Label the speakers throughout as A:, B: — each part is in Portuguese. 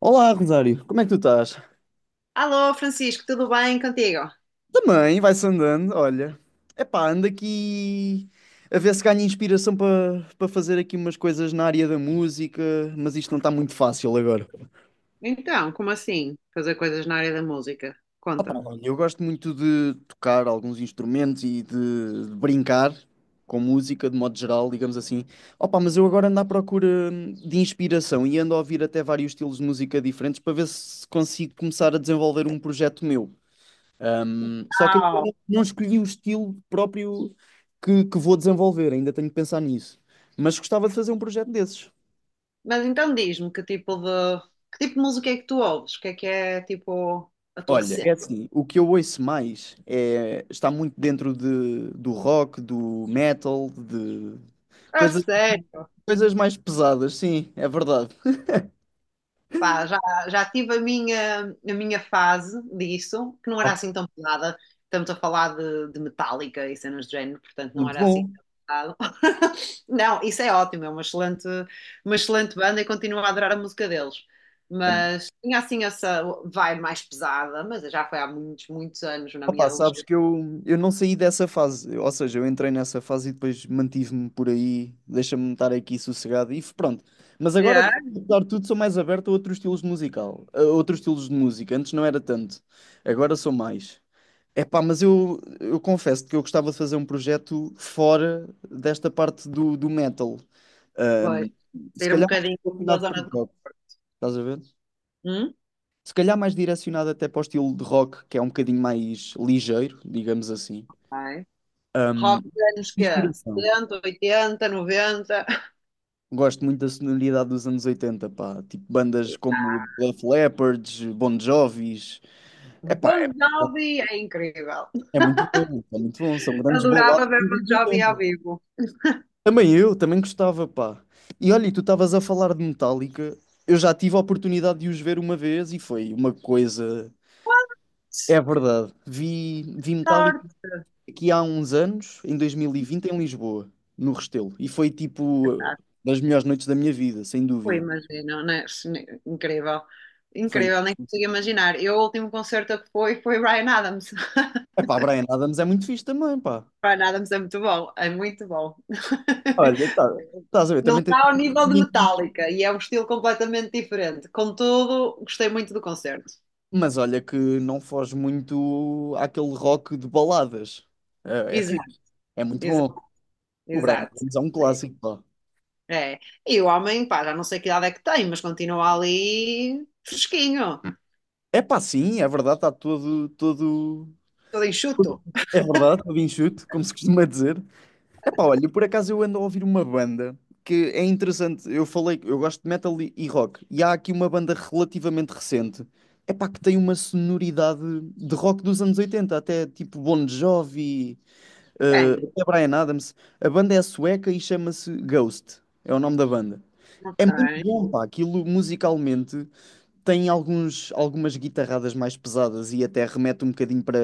A: Olá, Rosário, como é que tu estás?
B: Alô, Francisco, tudo bem contigo?
A: Também, vai-se andando, olha. Epá, ando aqui a ver se ganho inspiração para fazer aqui umas coisas na área da música, mas isto não está muito fácil agora.
B: Então, como assim? Fazer coisas na área da música?
A: Opá,
B: Conta-me.
A: olha, eu gosto muito de tocar alguns instrumentos e de brincar com música, de modo geral, digamos assim. Opá, mas eu agora ando à procura de inspiração e ando a ouvir até vários estilos de música diferentes para ver se consigo começar a desenvolver um projeto meu. Só que ainda
B: Uau.
A: não escolhi o estilo próprio que vou desenvolver, ainda tenho que pensar nisso. Mas gostava de fazer um projeto desses.
B: Mas então diz-me que tipo de música é que tu ouves? O que é tipo a tua
A: Olha, é
B: cena?
A: assim, o que eu ouço mais é, está muito dentro de, do rock, do metal, de
B: A
A: coisa,
B: sério?
A: coisas mais pesadas, sim, é verdade.
B: Pá, já tive a minha fase disso, que não era
A: Ok.
B: assim tão pesada. Estamos a falar de Metallica e cenas de género, portanto não
A: Muito
B: era assim
A: bom.
B: tão pesado. Não, isso é ótimo, é uma excelente banda e continuo a adorar a música deles.
A: É.
B: Mas tinha assim essa vibe mais pesada, mas já foi há muitos, muitos anos na minha
A: Opa, sabes
B: adolescência.
A: que eu não saí dessa fase, ou seja, eu entrei nessa fase e depois mantive-me por aí, deixa-me estar aqui sossegado e pronto. Mas agora,
B: Yeah.
A: apesar de tudo, sou mais aberto a outros estilos musical, a outros estilos de música. Antes não era tanto, agora sou mais. Epá, mas eu confesso que eu gostava de fazer um projeto fora desta parte do metal.
B: Pois,
A: Ahm, Se
B: sair um
A: calhar mais
B: bocadinho da
A: direcionado para
B: zona
A: rock, estás a ver?
B: de...
A: Se calhar mais direcionado até para o estilo de rock, que é um bocadinho mais ligeiro, digamos assim.
B: Ai. Rock dos anos que
A: Inspiração.
B: 70, 80, 90.
A: Gosto muito da sonoridade dos anos 80, pá. Tipo, bandas como Def Leppard, Bon Jovis. É pá, é,
B: Bon Jovi é incrível.
A: é muito bom, é muito bom. São grandes
B: Adorava
A: boladas
B: ver
A: dos
B: Bon
A: anos
B: Jovi ao
A: 80.
B: vivo.
A: Também eu, também gostava, pá. E olha, e tu estavas a falar de Metallica. Eu já tive a oportunidade de os ver uma vez e foi uma coisa. É verdade. Vi Metallica
B: Sorte.
A: aqui há uns anos, em 2020, em Lisboa, no Restelo. E foi tipo
B: Ah,
A: das melhores noites da minha vida, sem
B: tu
A: dúvida.
B: imagino, né? Incrível.
A: Foi.
B: Incrível, nem consigo imaginar. Eu, o último concerto que fui foi Ryan Adams.
A: É pá, Brian Adams é muito fixe também, pá.
B: Ryan Adams é muito bom, é muito bom.
A: Olha, tá. Estás a ver?
B: Não
A: Também tem.
B: está ao nível de Metallica e é um estilo completamente diferente. Contudo, gostei muito do concerto.
A: Mas olha que não foge muito àquele rock de baladas. É
B: Exato,
A: fixe. É muito bom.
B: exato,
A: O Brian
B: exato.
A: Adams é um clássico, pá.
B: É. E o homem, pá, já não sei que idade é que tem, mas continua ali fresquinho.
A: É pá, sim, é verdade, está todo, todo.
B: Tudo enxuto?
A: É verdade, todo enxuto, como se costuma dizer. Epá, olha, por acaso eu ando a ouvir uma banda que é interessante. Eu falei, que eu gosto de metal e rock, e há aqui uma banda relativamente recente, epá, que tem uma sonoridade de rock dos anos 80, até tipo Bon Jovi,
B: Bem,
A: até Bryan Adams. A banda é sueca e chama-se Ghost, é o nome da banda. É
B: ok.
A: muito bom, pá, aquilo musicalmente tem algumas guitarradas mais pesadas e até remete um bocadinho para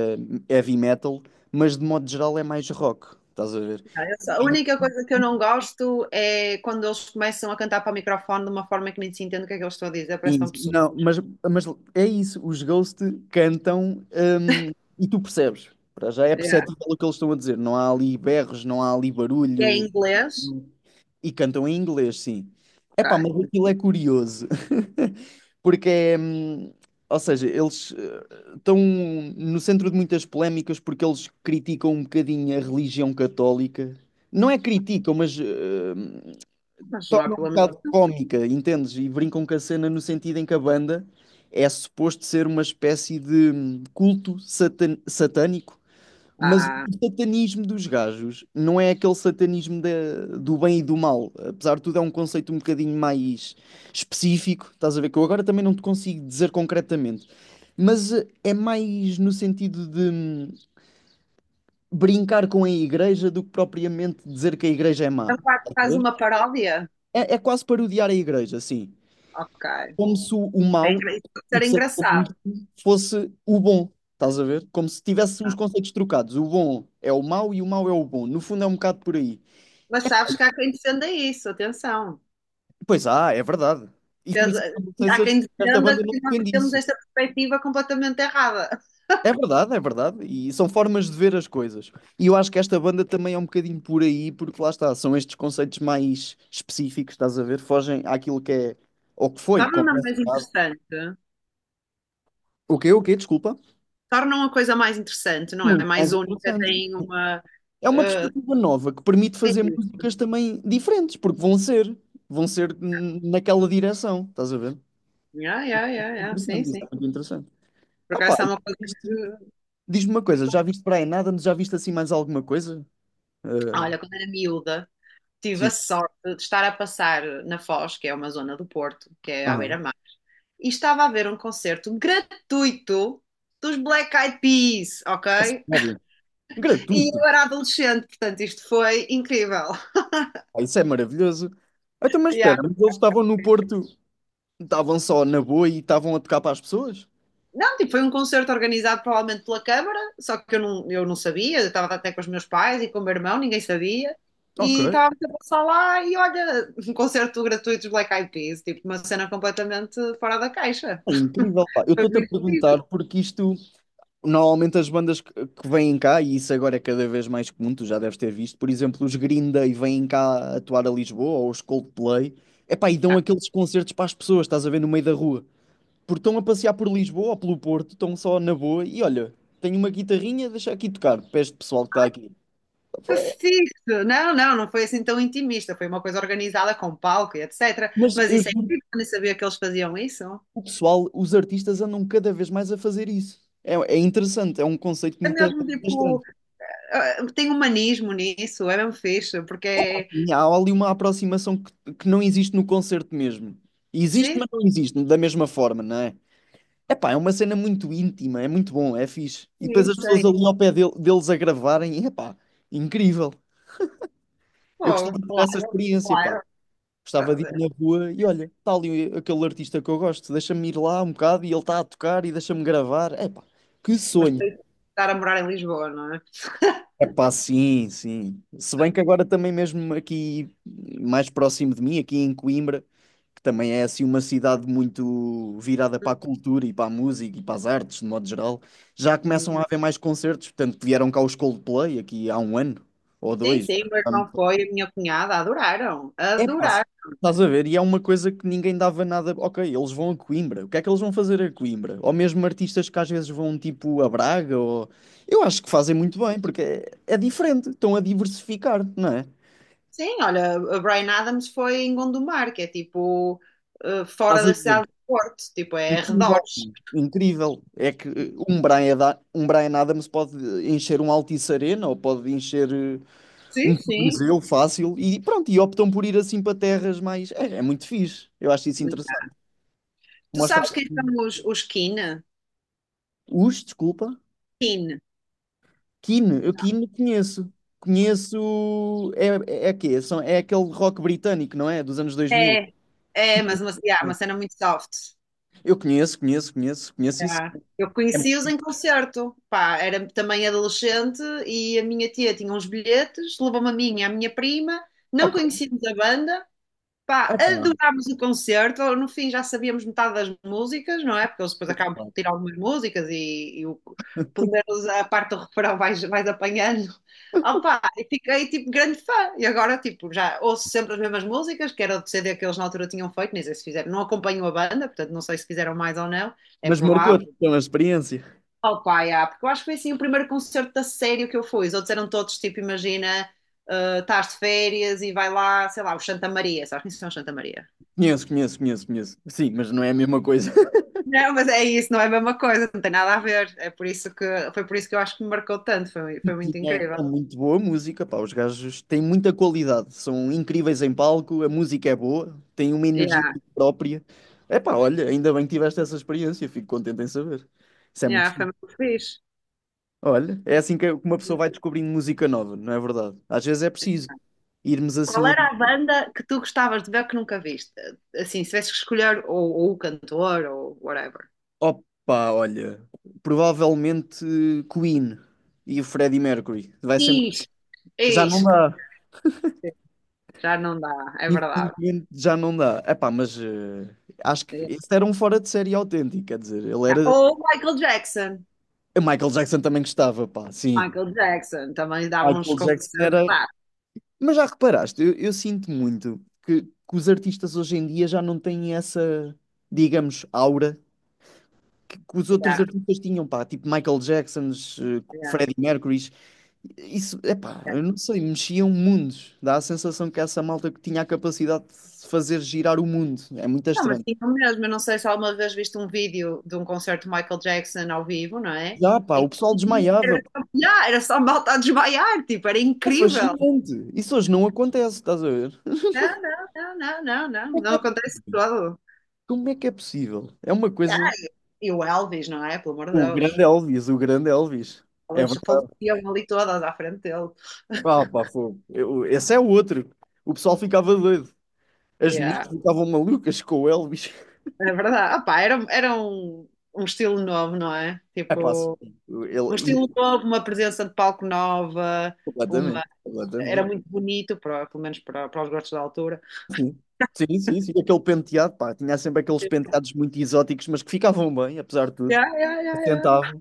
A: heavy metal, mas de modo geral é mais rock, estás a ver?
B: A única coisa que eu não gosto é quando eles começam a cantar para o microfone de uma forma que nem se entende o que é que eles estão a dizer, parece que estão
A: Isso.
B: pessoas.
A: Não, mas é isso, os Ghost cantam, e tu percebes. Para já é
B: Yeah.
A: perceptível o que eles estão a dizer. Não há ali berros, não há ali
B: E é em
A: barulho.
B: inglês?
A: E cantam em inglês, sim.
B: Ok,
A: Epá, mas aquilo é curioso. Porque é. Ou seja, eles estão no centro de muitas polémicas porque eles criticam um bocadinho a religião católica. Não é criticam, mas
B: mas não há
A: torna um
B: problema.
A: bocado cómica, entendes? E brincam com a cena no sentido em que a banda é suposto ser uma espécie de culto satânico, mas o
B: Ah,
A: satanismo dos gajos não é aquele satanismo do bem e do mal. Apesar de tudo, é um conceito um bocadinho mais específico, estás a ver? Que eu agora também não te consigo dizer concretamente. Mas é mais no sentido de brincar com a igreja do que propriamente dizer que a igreja é má.
B: então claro,
A: Estás a
B: faz
A: ver?
B: uma paródia?
A: É quase parodiar a igreja, sim.
B: Ok.
A: Como se o mal,
B: Isso pode
A: o
B: ser engraçado.
A: satanismo, fosse o bom. Estás a ver? Como se tivesse os conceitos trocados. O bom é o mau e o mau é o bom. No fundo é um bocado por aí.
B: Mas sabes que há quem defenda isso, atenção.
A: Pois ah, é verdade. E por isso não sei
B: Há
A: se
B: quem
A: esta
B: defenda
A: banda não
B: que nós
A: defende
B: temos
A: isso.
B: esta perspectiva completamente errada.
A: É verdade, é verdade. E são formas de ver as coisas. E eu acho que esta banda também é um bocadinho por aí, porque lá está, são estes conceitos mais específicos, estás a ver? Fogem àquilo que é, ou que foi,
B: Torna-na
A: como é
B: mais interessante.
A: o que, o quê? Desculpa.
B: Torna uma coisa mais interessante, não é?
A: Muito
B: Mais
A: mais
B: única,
A: interessante.
B: tem uma.
A: É uma
B: eh,
A: perspectiva nova que permite fazer
B: sim,
A: músicas também diferentes, porque vão ser naquela direção, estás a ver?
B: yeah, sim,
A: Interessante, isso é
B: sim.
A: muito interessante.
B: Por
A: Ah pá,
B: acaso é
A: e
B: uma coisa que.
A: diz-me uma coisa, já viste para Brian nada? Já viste assim mais alguma coisa? Eh,
B: Olha, quando era miúda, tive
A: sim.
B: a sorte de estar a passar na Foz, que é uma zona do Porto, que é à
A: Ah,
B: beira-mar, e estava a ver um concerto gratuito dos Black Eyed Peas,
A: a
B: ok?
A: sério?
B: E
A: Gratuito.
B: eu era adolescente, portanto, isto foi incrível.
A: Ah, isso é maravilhoso. Ah, então, mas
B: Yeah.
A: espera, mas eles estavam no Porto, estavam só na boa e estavam a tocar para as pessoas?
B: Não, tipo, foi um concerto organizado provavelmente pela Câmara, só que eu não sabia, eu estava até com os meus pais e com o meu irmão, ninguém sabia.
A: Ok.
B: E estava a passar lá e olha, um concerto gratuito dos Black Eyed Peas, tipo, uma cena completamente fora da caixa.
A: É incrível, pá. Eu
B: Foi
A: estou-te a
B: muito
A: perguntar porque isto. Normalmente as bandas que vêm cá, e isso agora é cada vez mais comum, tu já deves ter visto, por exemplo, os Green Day vêm cá atuar a Lisboa, ou os Coldplay, epá, e dão aqueles concertos para as pessoas, estás a ver, no meio da rua. Porque estão a passear por Lisboa ou pelo Porto, estão só na boa, e olha, tenho uma guitarrinha, deixa aqui tocar, para este pessoal que está aqui.
B: que fixe. Não, não foi assim tão intimista, foi uma coisa organizada com palco e etc.
A: Mas
B: Mas
A: eu
B: isso é
A: juro,
B: incrível, eu nem sabia que eles faziam isso.
A: o pessoal, os artistas andam cada vez mais a fazer isso. É interessante, é um conceito
B: É
A: muito
B: mesmo
A: estranho.
B: tipo, tem humanismo nisso, é mesmo fixe, porque é.
A: E há ali uma aproximação que não existe no concerto mesmo. Existe,
B: Sim,
A: mas não existe da mesma forma, não é? Epá, é uma cena muito íntima, é muito bom, é fixe. E depois
B: sim,
A: as
B: sei.
A: pessoas ali ao pé deles a gravarem, e, epá, incrível. Eu
B: Pô,
A: gostava de ter essa
B: claro,
A: experiência, pá.
B: claro.
A: Gostava de ir na rua e olha, está ali aquele artista que eu gosto, deixa-me ir lá um bocado e ele está a tocar e deixa-me gravar. Epá, que
B: Mas
A: sonho.
B: para estar a morar em Lisboa, não é?
A: Epá, sim, sim. Se bem que agora também mesmo aqui mais próximo de mim, aqui em Coimbra, que também é assim uma cidade muito virada para a cultura e para a música e para as artes, de modo geral, já
B: Uhum.
A: começam a haver mais concertos. Portanto, vieram cá os Coldplay aqui há um ano ou
B: Sim,
A: dois.
B: sim, o meu irmão foi, a minha cunhada adoraram,
A: É pá,
B: adoraram.
A: estás a ver? E é uma coisa que ninguém dava nada. Ok, eles vão a Coimbra. O que é que eles vão fazer a Coimbra? Ou mesmo artistas que às vezes vão tipo a Braga. Ou... Eu acho que fazem muito bem, porque é diferente. Estão a diversificar, não é?
B: Sim, olha, a Bryan Adams foi em Gondomar, que é tipo fora
A: Estás a
B: da cidade
A: ver?
B: do Porto, tipo é
A: Incrível.
B: arredores.
A: Incrível. É que um Brian Adams pode encher um Altice Arena ou pode encher
B: Sim,
A: um
B: sim.
A: Coliseu fácil e pronto. E optam por ir assim para terras mais. É muito fixe. Eu acho isso interessante.
B: Tu
A: Mostrar.
B: sabes quem são os Keen?
A: Os, desculpa.
B: Keen.
A: Keane, eu Keane conheço. Conheço. É quê? É aquele rock britânico, não é? Dos anos 2000.
B: É. É, mas
A: Conheço.
B: uma, yeah, uma cena muito soft.
A: Eu conheço, conheço, conheço, conheço isso.
B: Já. Eu
A: É muito
B: conheci-os
A: fixe.
B: em concerto, pá, era também adolescente e a minha tia tinha uns bilhetes, levou-me a mim e à minha prima, não
A: Ok.
B: conhecíamos a banda,
A: Ah,
B: pá,
A: tá,
B: adorámos o concerto, no fim já sabíamos metade das músicas, não é? Porque eles depois acabam por
A: tá.
B: tirar algumas músicas pelo menos a parte do refrão vais apanhando. Opá, e fiquei tipo grande fã e agora tipo já ouço sempre as mesmas músicas, que era do CD que eles na altura tinham feito, nem sei se fizeram, não acompanho a banda, portanto não sei se fizeram mais ou não, é
A: Mas
B: provável.
A: marcou-te então a experiência.
B: Oh pá, yeah, porque eu acho que foi assim o primeiro concerto a sério que eu fui. Os outros eram todos tipo, imagina, estás de férias e vai lá, sei lá, o Santa Maria. Sabes quem são os Santa Maria?
A: Conheço, conheço, conheço, conheço. Sim, mas não é a mesma coisa.
B: Não, mas é isso, não é a mesma coisa, não tem nada a ver. É por isso que Foi por isso que eu acho que me marcou tanto,
A: E
B: foi muito
A: É,
B: incrível.
A: é muito boa a música, pá. Os gajos têm muita qualidade, são incríveis em palco, a música é boa, têm uma energia
B: Yeah,
A: própria. É pá, olha, ainda bem que tiveste essa experiência, fico contente em saber. Isso é muito
B: yeah, foi
A: fixe.
B: muito fixe.
A: Olha, é assim que uma pessoa vai descobrindo música nova, não é verdade? Às vezes é preciso irmos
B: Qual
A: assim a...
B: era a banda que tu gostavas de ver que nunca viste? Assim, se tivesse que escolher ou o cantor ou whatever.
A: Opa, olha, provavelmente Queen e o Freddie Mercury. Vai ser...
B: Ixi,
A: Já não
B: ixi, claro
A: dá.
B: que sim. Já não dá, é verdade.
A: Infelizmente já não dá. Epá, mas acho que
B: Yeah.
A: esse era um fora de série autêntico, quer dizer, ele
B: Yeah.
A: era...
B: Ou Michael Jackson.
A: Michael Jackson também gostava, pá, sim.
B: Michael Jackson também dava uns
A: Michael Jackson
B: concertos.
A: era... Mas já reparaste, eu sinto muito que os artistas hoje em dia já não têm essa, digamos, aura que os outros
B: Yeah,
A: artistas tinham, pá, tipo Michael Jacksons,
B: yeah.
A: Freddie Mercurys, isso, é pá, eu não sei, mexiam mundos. Dá a sensação que essa malta que tinha a capacidade de fazer girar o mundo. É muito
B: Não, mas
A: estranho.
B: sim, o mesmo. Eu não sei se alguma vez viste um vídeo de um concerto de Michael Jackson ao vivo, não é?
A: Já, pá,
B: Em
A: o pessoal
B: que
A: desmaiava,
B: Era
A: pá.
B: só, yeah, era só malta a desmaiar, tipo, era
A: É
B: incrível.
A: fascinante. Isso hoje não acontece, estás a ver?
B: Não, não acontece todo.
A: Como é que é possível? É uma
B: Yeah.
A: coisa.
B: E o Elvis, não é? Pelo amor de
A: O
B: Deus.
A: grande Elvis, o grande Elvis. É
B: Elas
A: verdade.
B: faleciam ali todas à frente dele.
A: Ah, pá, fogo. Esse é o outro. O pessoal ficava doido. As mulheres
B: Yeah.
A: ficavam malucas com o Elvis.
B: É verdade. Ah, pá, era um estilo novo, não é?
A: É pá, assim,
B: Tipo, um
A: ele,
B: estilo novo, uma presença de palco nova, uma...
A: completamente,
B: Era
A: completamente.
B: muito bonito, pelo menos para os gostos da altura.
A: Sim. Sim, sim, sim. Aquele penteado, pá, tinha sempre aqueles penteados muito exóticos, mas que ficavam bem, apesar de tudo.
B: Ya.
A: Assentavam.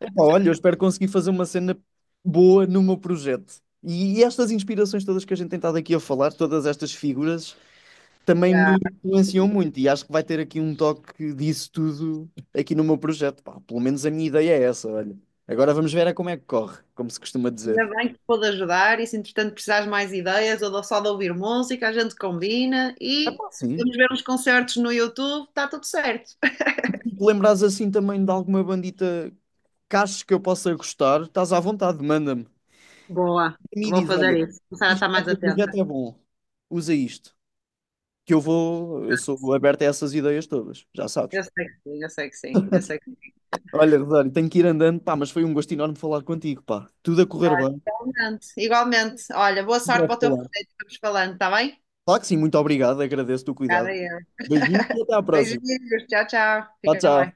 A: Epá, olha, eu espero conseguir fazer uma cena boa no meu projeto. E estas inspirações todas que a gente tem estado aqui a falar, todas estas figuras, também me
B: Ya.
A: influenciam muito. E acho que vai ter aqui um toque disso tudo aqui no meu projeto. Pá, pelo menos a minha ideia é essa, olha. Agora vamos ver é como é que corre, como se costuma
B: Ainda
A: dizer.
B: bem que pude ajudar e se entretanto precisares mais ideias ou só de ouvir música, a gente combina
A: É
B: e
A: pá, sim.
B: vamos ver uns concertos no YouTube, está tudo certo.
A: Se te lembrares assim também de alguma bandita que achas que eu possa gostar, estás à vontade, manda-me.
B: Boa,
A: E me
B: vou
A: diz,
B: fazer
A: olha,
B: isso. Começar a
A: isto
B: estar
A: para
B: mais
A: o teu projeto
B: atenta.
A: é bom, usa isto. Que eu sou aberto a essas ideias todas, já sabes.
B: Eu sei que sim, eu sei que sim, eu sei que sim.
A: Olha, Rosário, tenho que ir andando, pá, mas foi um gosto enorme falar contigo, pá. Tudo a correr bem,
B: Igualmente, igualmente. Olha, boa
A: em
B: sorte para
A: breve
B: o teu projeto,
A: falar.
B: que estamos falando, está bem?
A: Claro que sim, muito obrigado, agradeço-te o cuidado.
B: Obrigada, eu.
A: Beijinho e até à próxima.
B: Beijinhos, tchau, tchau.
A: Tchau,
B: Fica
A: tchau.
B: bem.